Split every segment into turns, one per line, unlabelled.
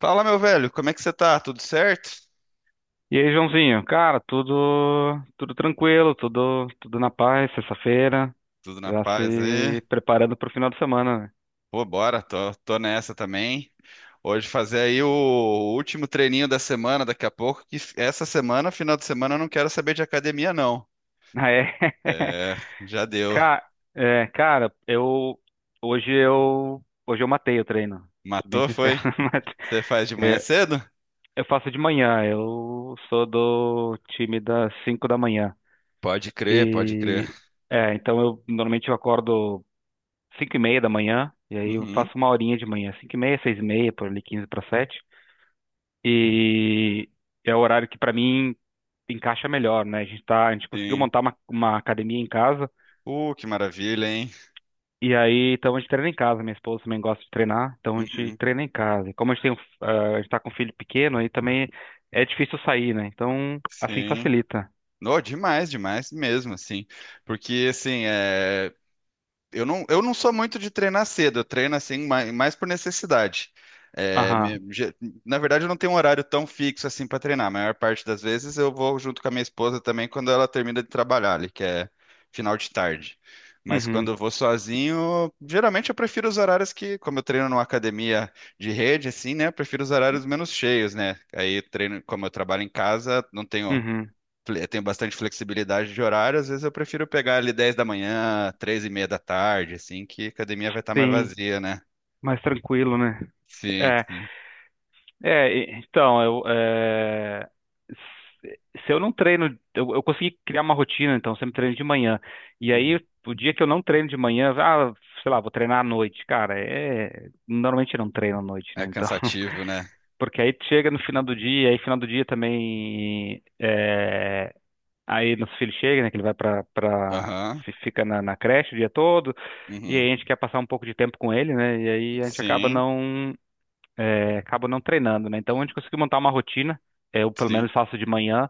Fala, meu velho, como é que você tá? Tudo certo?
E aí, Joãozinho? Cara, tudo tranquilo, tudo na paz, sexta-feira,
Tudo na
já
paz aí?
se preparando pro final de semana, né?
Pô, bora, tô nessa também. Hoje fazer aí o último treininho da semana, daqui a pouco, que essa semana, final de semana, eu não quero saber de academia, não.
Ah, é.
É, já deu.
Ca- É, cara, eu hoje eu hoje eu matei o treino. Sou bem
Matou,
sincero.
foi?
Mas
Você faz de manhã cedo?
eu faço de manhã, eu sou do time das 5 da manhã.
Pode crer, pode crer.
E é, então eu normalmente eu acordo 5h30 da manhã, e aí eu
Uhum,
faço uma horinha de manhã. 5h30, 6h30, por ali 6h45. E é o horário que pra mim encaixa melhor, né? A gente tá, a gente conseguiu
sim.
montar uma academia em casa,
Que maravilha, hein?
e aí então a gente treina em casa. Minha esposa também gosta de treinar, então a gente
Uhum,
treina em casa. E como a gente tem, a gente tá com um filho pequeno, aí também é difícil sair, né? Então assim
sim.
facilita.
No, demais, demais mesmo, assim. Porque, assim, é, eu não sou muito de treinar cedo, eu treino assim mais, por necessidade. É,
Aham.
na verdade, eu não tenho um horário tão fixo assim para treinar. A maior parte das vezes eu vou junto com a minha esposa também quando ela termina de trabalhar ali, que é final de tarde. Mas
Uhum.
quando eu vou sozinho, geralmente eu prefiro os horários que, como eu treino numa academia de rede, assim, né? Eu prefiro os horários menos cheios, né? Aí treino, como eu trabalho em casa, não tenho
Uhum.
tenho bastante flexibilidade de horário, às vezes eu prefiro pegar ali 10 da manhã, 3:30 da tarde, assim, que a academia vai estar mais
Sim,
vazia, né?
mais tranquilo, né?
Sim,
É.
sim.
Então, se se eu não treino, eu consegui criar uma rotina, então eu sempre treino de manhã. E
Uhum.
aí, o dia que eu não treino de manhã, ah, sei lá, vou treinar à noite. Cara, é, normalmente eu não treino à noite, né?
É
Então,
cansativo, né?
porque aí chega no final do dia, aí final do dia também, é, aí nosso filho chega, né, que ele vai pra, pra,
Aham.
fi- fica na creche o dia todo, e
Uhum.
aí a gente quer passar um pouco de tempo com ele, né? E aí a gente acaba
Sim,
não, acabo não treinando, né? Então a gente conseguiu montar uma rotina. Eu pelo
sim,
menos faço de manhã.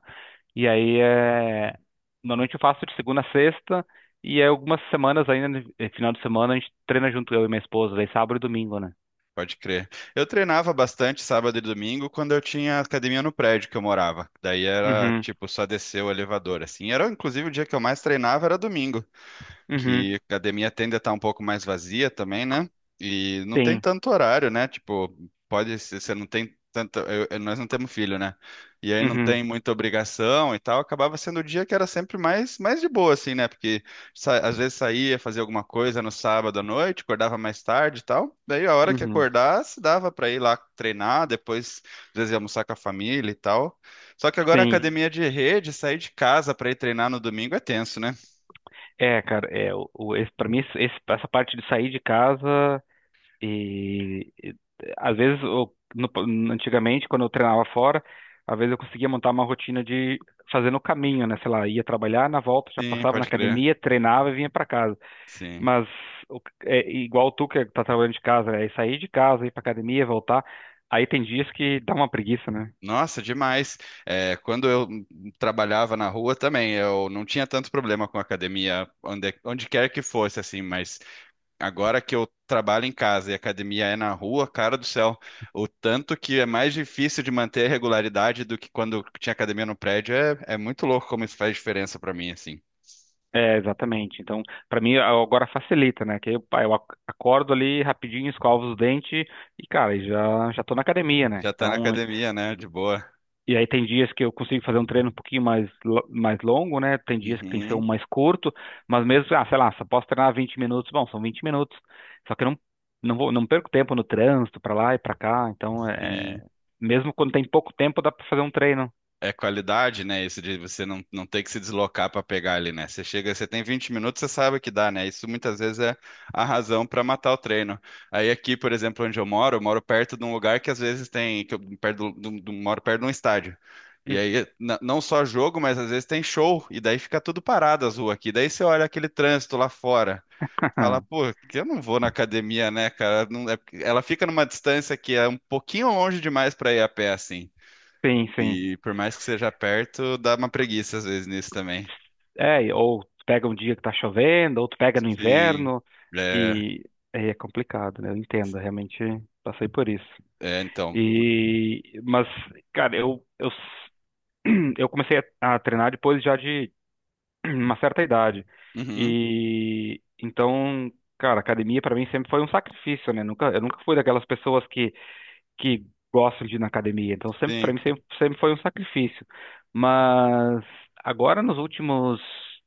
E aí é, normalmente eu faço de segunda a sexta. E aí, algumas semanas ainda, no final de semana, a gente treina junto, eu e minha esposa, daí sábado e domingo, né?
pode crer. Eu treinava bastante sábado e domingo quando eu tinha academia no prédio que eu morava. Daí era,
Uhum,
tipo, só descer o elevador, assim. Era, inclusive, o dia que eu mais treinava era domingo.
uhum,
Que a academia tende a estar um pouco mais vazia também, né? E não tem
sim,
tanto horário, né? Tipo, pode ser, você não tem tanto. Nós não temos filho, né? E aí não
uhum,
tem muita obrigação e tal. Acabava sendo o dia que era sempre mais, de boa, assim, né? Porque às vezes saía, fazia alguma coisa no sábado à noite, acordava mais tarde e tal. Daí a hora que
uhum,
acordasse, dava pra ir lá treinar, depois, às vezes, ia almoçar com a família e tal. Só que agora a
sim.
academia de rede, sair de casa pra ir treinar no domingo é tenso, né?
É, cara, é, esse, pra mim, essa parte de sair de casa. E, e, Às vezes, antigamente, quando eu treinava fora, às vezes eu conseguia montar uma rotina de fazer no caminho, né? Sei lá, ia trabalhar, na volta já
Sim,
passava na
pode crer.
academia, treinava e vinha para casa.
Sim.
Mas é igual tu que tá trabalhando de casa, é sair de casa, ir para academia, voltar. Aí tem dias que dá uma preguiça, né?
Nossa, demais. É, quando eu trabalhava na rua também, eu não tinha tanto problema com academia, onde quer que fosse, assim, mas agora que eu trabalho em casa e a academia é na rua, cara do céu, o tanto que é mais difícil de manter a regularidade do que quando tinha academia no prédio, é muito louco como isso faz diferença pra mim, assim.
É, exatamente. Então, para mim agora facilita, né? Que eu, pá, acordo ali rapidinho, escovo os dentes e, cara, já já tô na academia, né?
Já tá na
Então,
academia, né? De boa.
e aí tem dias que eu consigo fazer um treino um pouquinho mais longo, né? Tem dias que tem que ser um
Uhum,
mais curto, mas mesmo, ah, sei lá, só posso treinar 20 minutos, bom, são 20 minutos. Só que eu não vou, não perco tempo no trânsito, pra lá e pra cá, então
sim.
é... Mesmo quando tem pouco tempo, dá pra fazer um treino.
É qualidade, né? Isso de você não ter que se deslocar para pegar ali, né? Você chega, você tem 20 minutos, você sabe que dá, né? Isso muitas vezes é a razão para matar o treino. Aí aqui, por exemplo, onde eu moro perto de um lugar que às vezes tem, que eu perto moro perto de um estádio. E aí, não só jogo, mas às vezes tem show, e daí fica tudo parado as ruas aqui. Daí você olha aquele trânsito lá fora, fala, pô, que eu não vou na academia, né, cara? Ela fica numa distância que é um pouquinho longe demais para ir a pé, assim.
Sim, sim.
E por mais que seja perto, dá uma preguiça às vezes nisso também.
É, ou tu pega um dia que tá chovendo, ou tu pega no
Sim.
inverno,
É,
e aí é complicado, né? Eu entendo, realmente passei por isso.
é então.
E, mas, cara, eu eu comecei a treinar depois já de uma certa idade.
Uhum,
E então, cara, academia pra mim sempre foi um sacrifício, né? Nunca, eu nunca fui daquelas pessoas que gostam de ir na academia. Então, sempre para
sim,
mim sempre, sempre foi um sacrifício. Mas agora nos últimos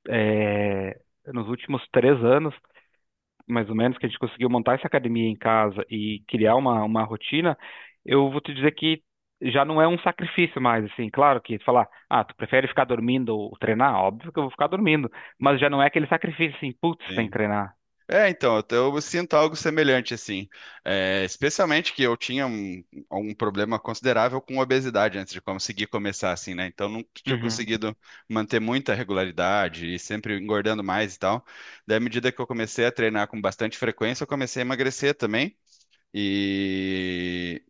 eh, 3 anos mais ou menos, que a gente conseguiu montar essa academia em casa e criar uma rotina, eu vou te dizer que já não é um sacrifício mais, assim. Claro, que falar, ah, tu prefere ficar dormindo ou treinar? Óbvio que eu vou ficar dormindo, mas já não é aquele sacrifício assim, putz, tem que
sim.
treinar.
É, então, eu sinto algo semelhante, assim. É, especialmente que eu tinha um problema considerável com obesidade antes de conseguir começar, assim, né? Então, não tinha
Uhum.
conseguido manter muita regularidade e sempre engordando mais e tal. Daí, à medida que eu comecei a treinar com bastante frequência, eu comecei a emagrecer também. E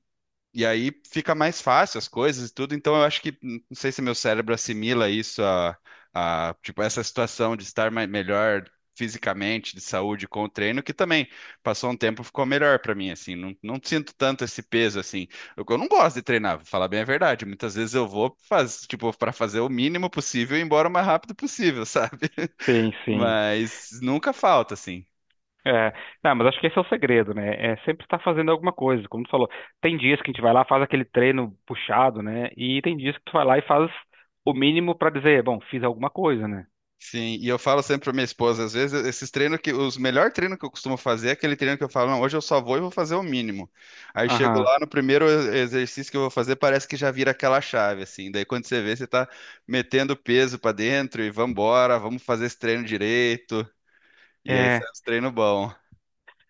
E aí fica mais fácil as coisas e tudo. Então eu acho que não sei se meu cérebro assimila isso a tipo essa situação de estar melhor fisicamente, de saúde com o treino, que também passou um tempo ficou melhor para mim assim. Não, não sinto tanto esse peso assim. Eu não gosto de treinar, vou falar bem a verdade. Muitas vezes eu vou faz, tipo para fazer o mínimo possível e ir embora o mais rápido possível, sabe?
Sim, sim.
Mas nunca falta assim.
É, não, mas acho que esse é o segredo, né? É sempre estar fazendo alguma coisa. Como tu falou, tem dias que a gente vai lá, faz aquele treino puxado, né? E tem dias que tu vai lá e faz o mínimo para dizer, bom, fiz alguma coisa, né?
Sim, e eu falo sempre pra minha esposa, às vezes, esses treinos que, os melhor treino que eu costumo fazer é aquele treino que eu falo, não, hoje eu só vou e vou fazer o mínimo. Aí chego
Aham.
lá, no primeiro exercício que eu vou fazer, parece que já vira aquela chave, assim. Daí quando você vê, você tá metendo peso pra dentro e vambora, vamos fazer esse treino direito. E aí sai
É.
os treinos bom.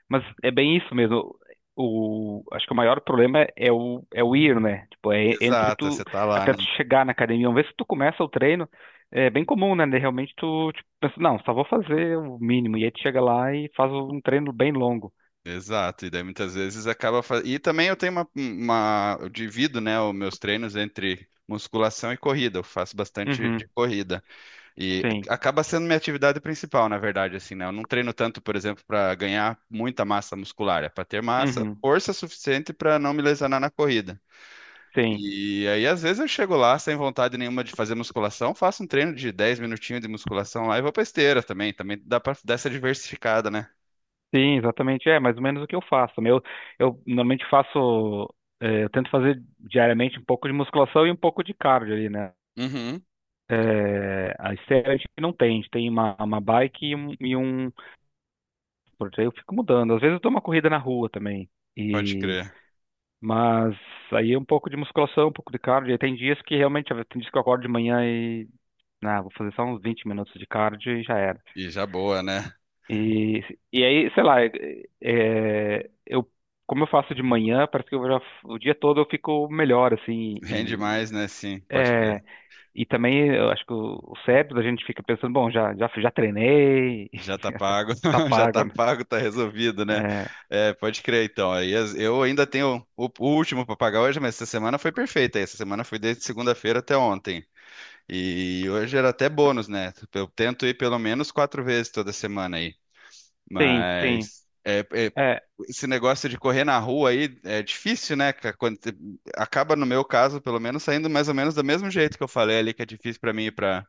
Mas é bem isso mesmo. O, acho que o maior problema é é o ir, né? Tipo, é entre
Exato,
tu,
você tá lá,
até
né?
tu chegar na academia. Uma vez que tu começa o treino, é bem comum, né? De realmente tu, tipo, pensa, não, só vou fazer o mínimo. E aí tu chega lá e faz um treino bem longo.
Exato, e daí muitas vezes acaba fazendo. E também eu tenho uma. Eu divido, né, os meus treinos entre musculação e corrida. Eu faço bastante de
Uhum,
corrida. E
sim.
acaba sendo minha atividade principal, na verdade, assim, né? Eu não treino tanto, por exemplo, para ganhar muita massa muscular, é para ter massa,
Uhum,
força suficiente para não me lesionar na corrida.
sim.
E aí, às vezes, eu chego lá sem vontade nenhuma de fazer musculação, faço um treino de 10 minutinhos de musculação lá e vou pra esteira também. Também dá pra dar essa diversificada, né?
Sim, exatamente. É mais ou menos o que eu faço. Meu, eu normalmente faço, eu tento fazer diariamente um pouco de musculação e um pouco de cardio ali, né?
Uhum,
É, a esteira a gente não tem, a gente tem uma bike e um, e um. Porque aí eu fico mudando. Às vezes eu dou uma corrida na rua também.
pode
E,
crer.
mas aí é um pouco de musculação, um pouco de cardio. E tem dias que realmente, tem dias que eu acordo de manhã e, ah, vou fazer só uns 20 minutos de cardio e já era.
E já boa, né?
E, e aí, sei lá, é, é, eu, como eu faço de manhã, parece que eu já, o dia todo eu fico melhor, assim,
Rende
e,
mais, né? Sim, pode
é,
crer.
e também eu acho que o cérebro da gente fica pensando, bom, já, já, já treinei.
Já tá pago,
Tá
já tá
pago, né?
pago, tá resolvido, né? É, pode crer, então. Aí eu ainda tenho o último para pagar hoje, mas essa semana foi perfeita. Essa semana foi desde segunda-feira até ontem. E hoje era até bônus, né? Eu tento ir pelo menos quatro vezes toda semana,
Sim, sim.
mas
É,
esse negócio de correr na rua aí é difícil, né? Quando, acaba, no meu caso, pelo menos, saindo mais ou menos do mesmo jeito que eu falei ali, que é difícil para mim ir para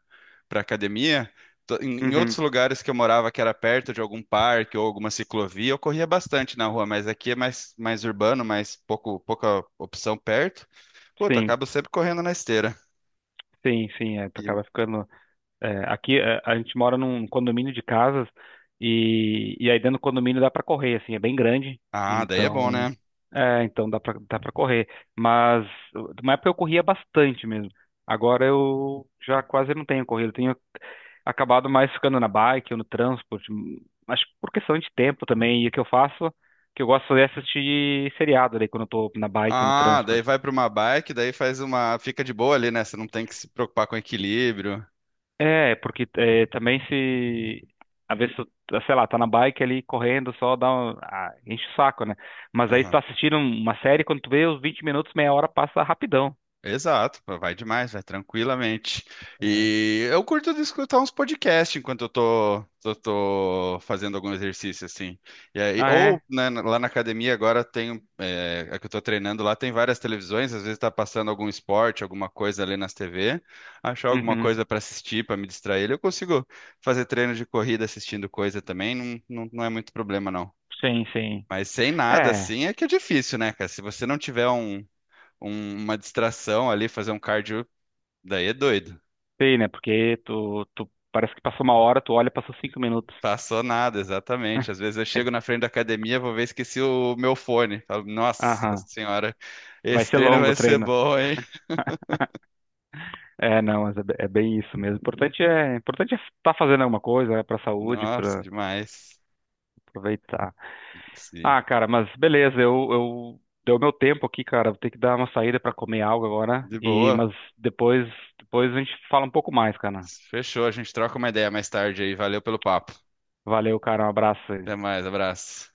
para academia. Em outros
uhum,
lugares que eu morava, que era perto de algum parque ou alguma ciclovia, eu corria bastante na rua, mas aqui é mais, urbano, mais pouco, pouca opção perto. Puta,
sim,
acabo sempre correndo na esteira.
sim, sim. É, tu
E-
acaba ficando. É, aqui é, a gente mora num condomínio de casas, e, aí dentro do condomínio dá para correr, assim, é bem grande,
ah, daí é bom,
então
né?
é, então dá para correr. Mas na época eu corria bastante mesmo. Agora eu já quase não tenho corrido, eu tenho acabado mais ficando na bike ou no transporte, mas por questão de tempo também. E o que eu faço, o que eu gosto de fazer é assistir seriado ali quando eu tô na bike ou no
Ah, daí
transporte.
vai para uma bike, daí faz uma. Fica de boa ali, né? Você não tem que se preocupar com equilíbrio.
É, porque é, também se. Às vezes, tu, sei lá, tá na bike ali correndo, só dá um, ah, enche o saco, né? Mas aí tu tá assistindo uma série, quando tu vê, os 20 minutos, meia hora passa rapidão.
Exato, pô, vai demais, vai tranquilamente.
É.
E eu curto de escutar uns podcasts enquanto eu tô fazendo algum exercício, assim. E aí,
Ah,
ou
é?
né, lá na academia agora tem, é, a que eu tô treinando lá tem várias televisões, às vezes tá passando algum esporte, alguma coisa ali nas TV, achar alguma
Uhum.
coisa pra assistir, pra me distrair, eu consigo fazer treino de corrida assistindo coisa também, não, não, não é muito problema não.
Sim, sim.
Mas sem nada
É,
assim é que é difícil, né, cara? Se você não tiver uma distração ali, fazer um cardio, daí é doido.
sim, né? Porque tu parece que passou uma hora, tu olha, passou 5 minutos.
Passou nada, exatamente. Às vezes eu chego na frente da academia, vou ver, esqueci o meu fone. Falo, nossa
Aham.
senhora,
Vai
esse
ser
treino
longo o
vai ser
treino.
bom, hein?
É, não, mas é, é bem isso mesmo. O importante é estar fazendo alguma coisa, né, pra saúde,
Nossa,
para
demais.
aproveitar.
Sim.
Ah, cara, mas beleza, eu deu meu tempo aqui, cara. Vou ter que dar uma saída pra comer algo agora.
De
E
boa.
mas depois, depois a gente fala um pouco mais, cara.
Fechou, a gente troca uma ideia mais tarde aí. Valeu pelo papo.
Valeu, cara. Um abraço aí.
Até mais, abraço.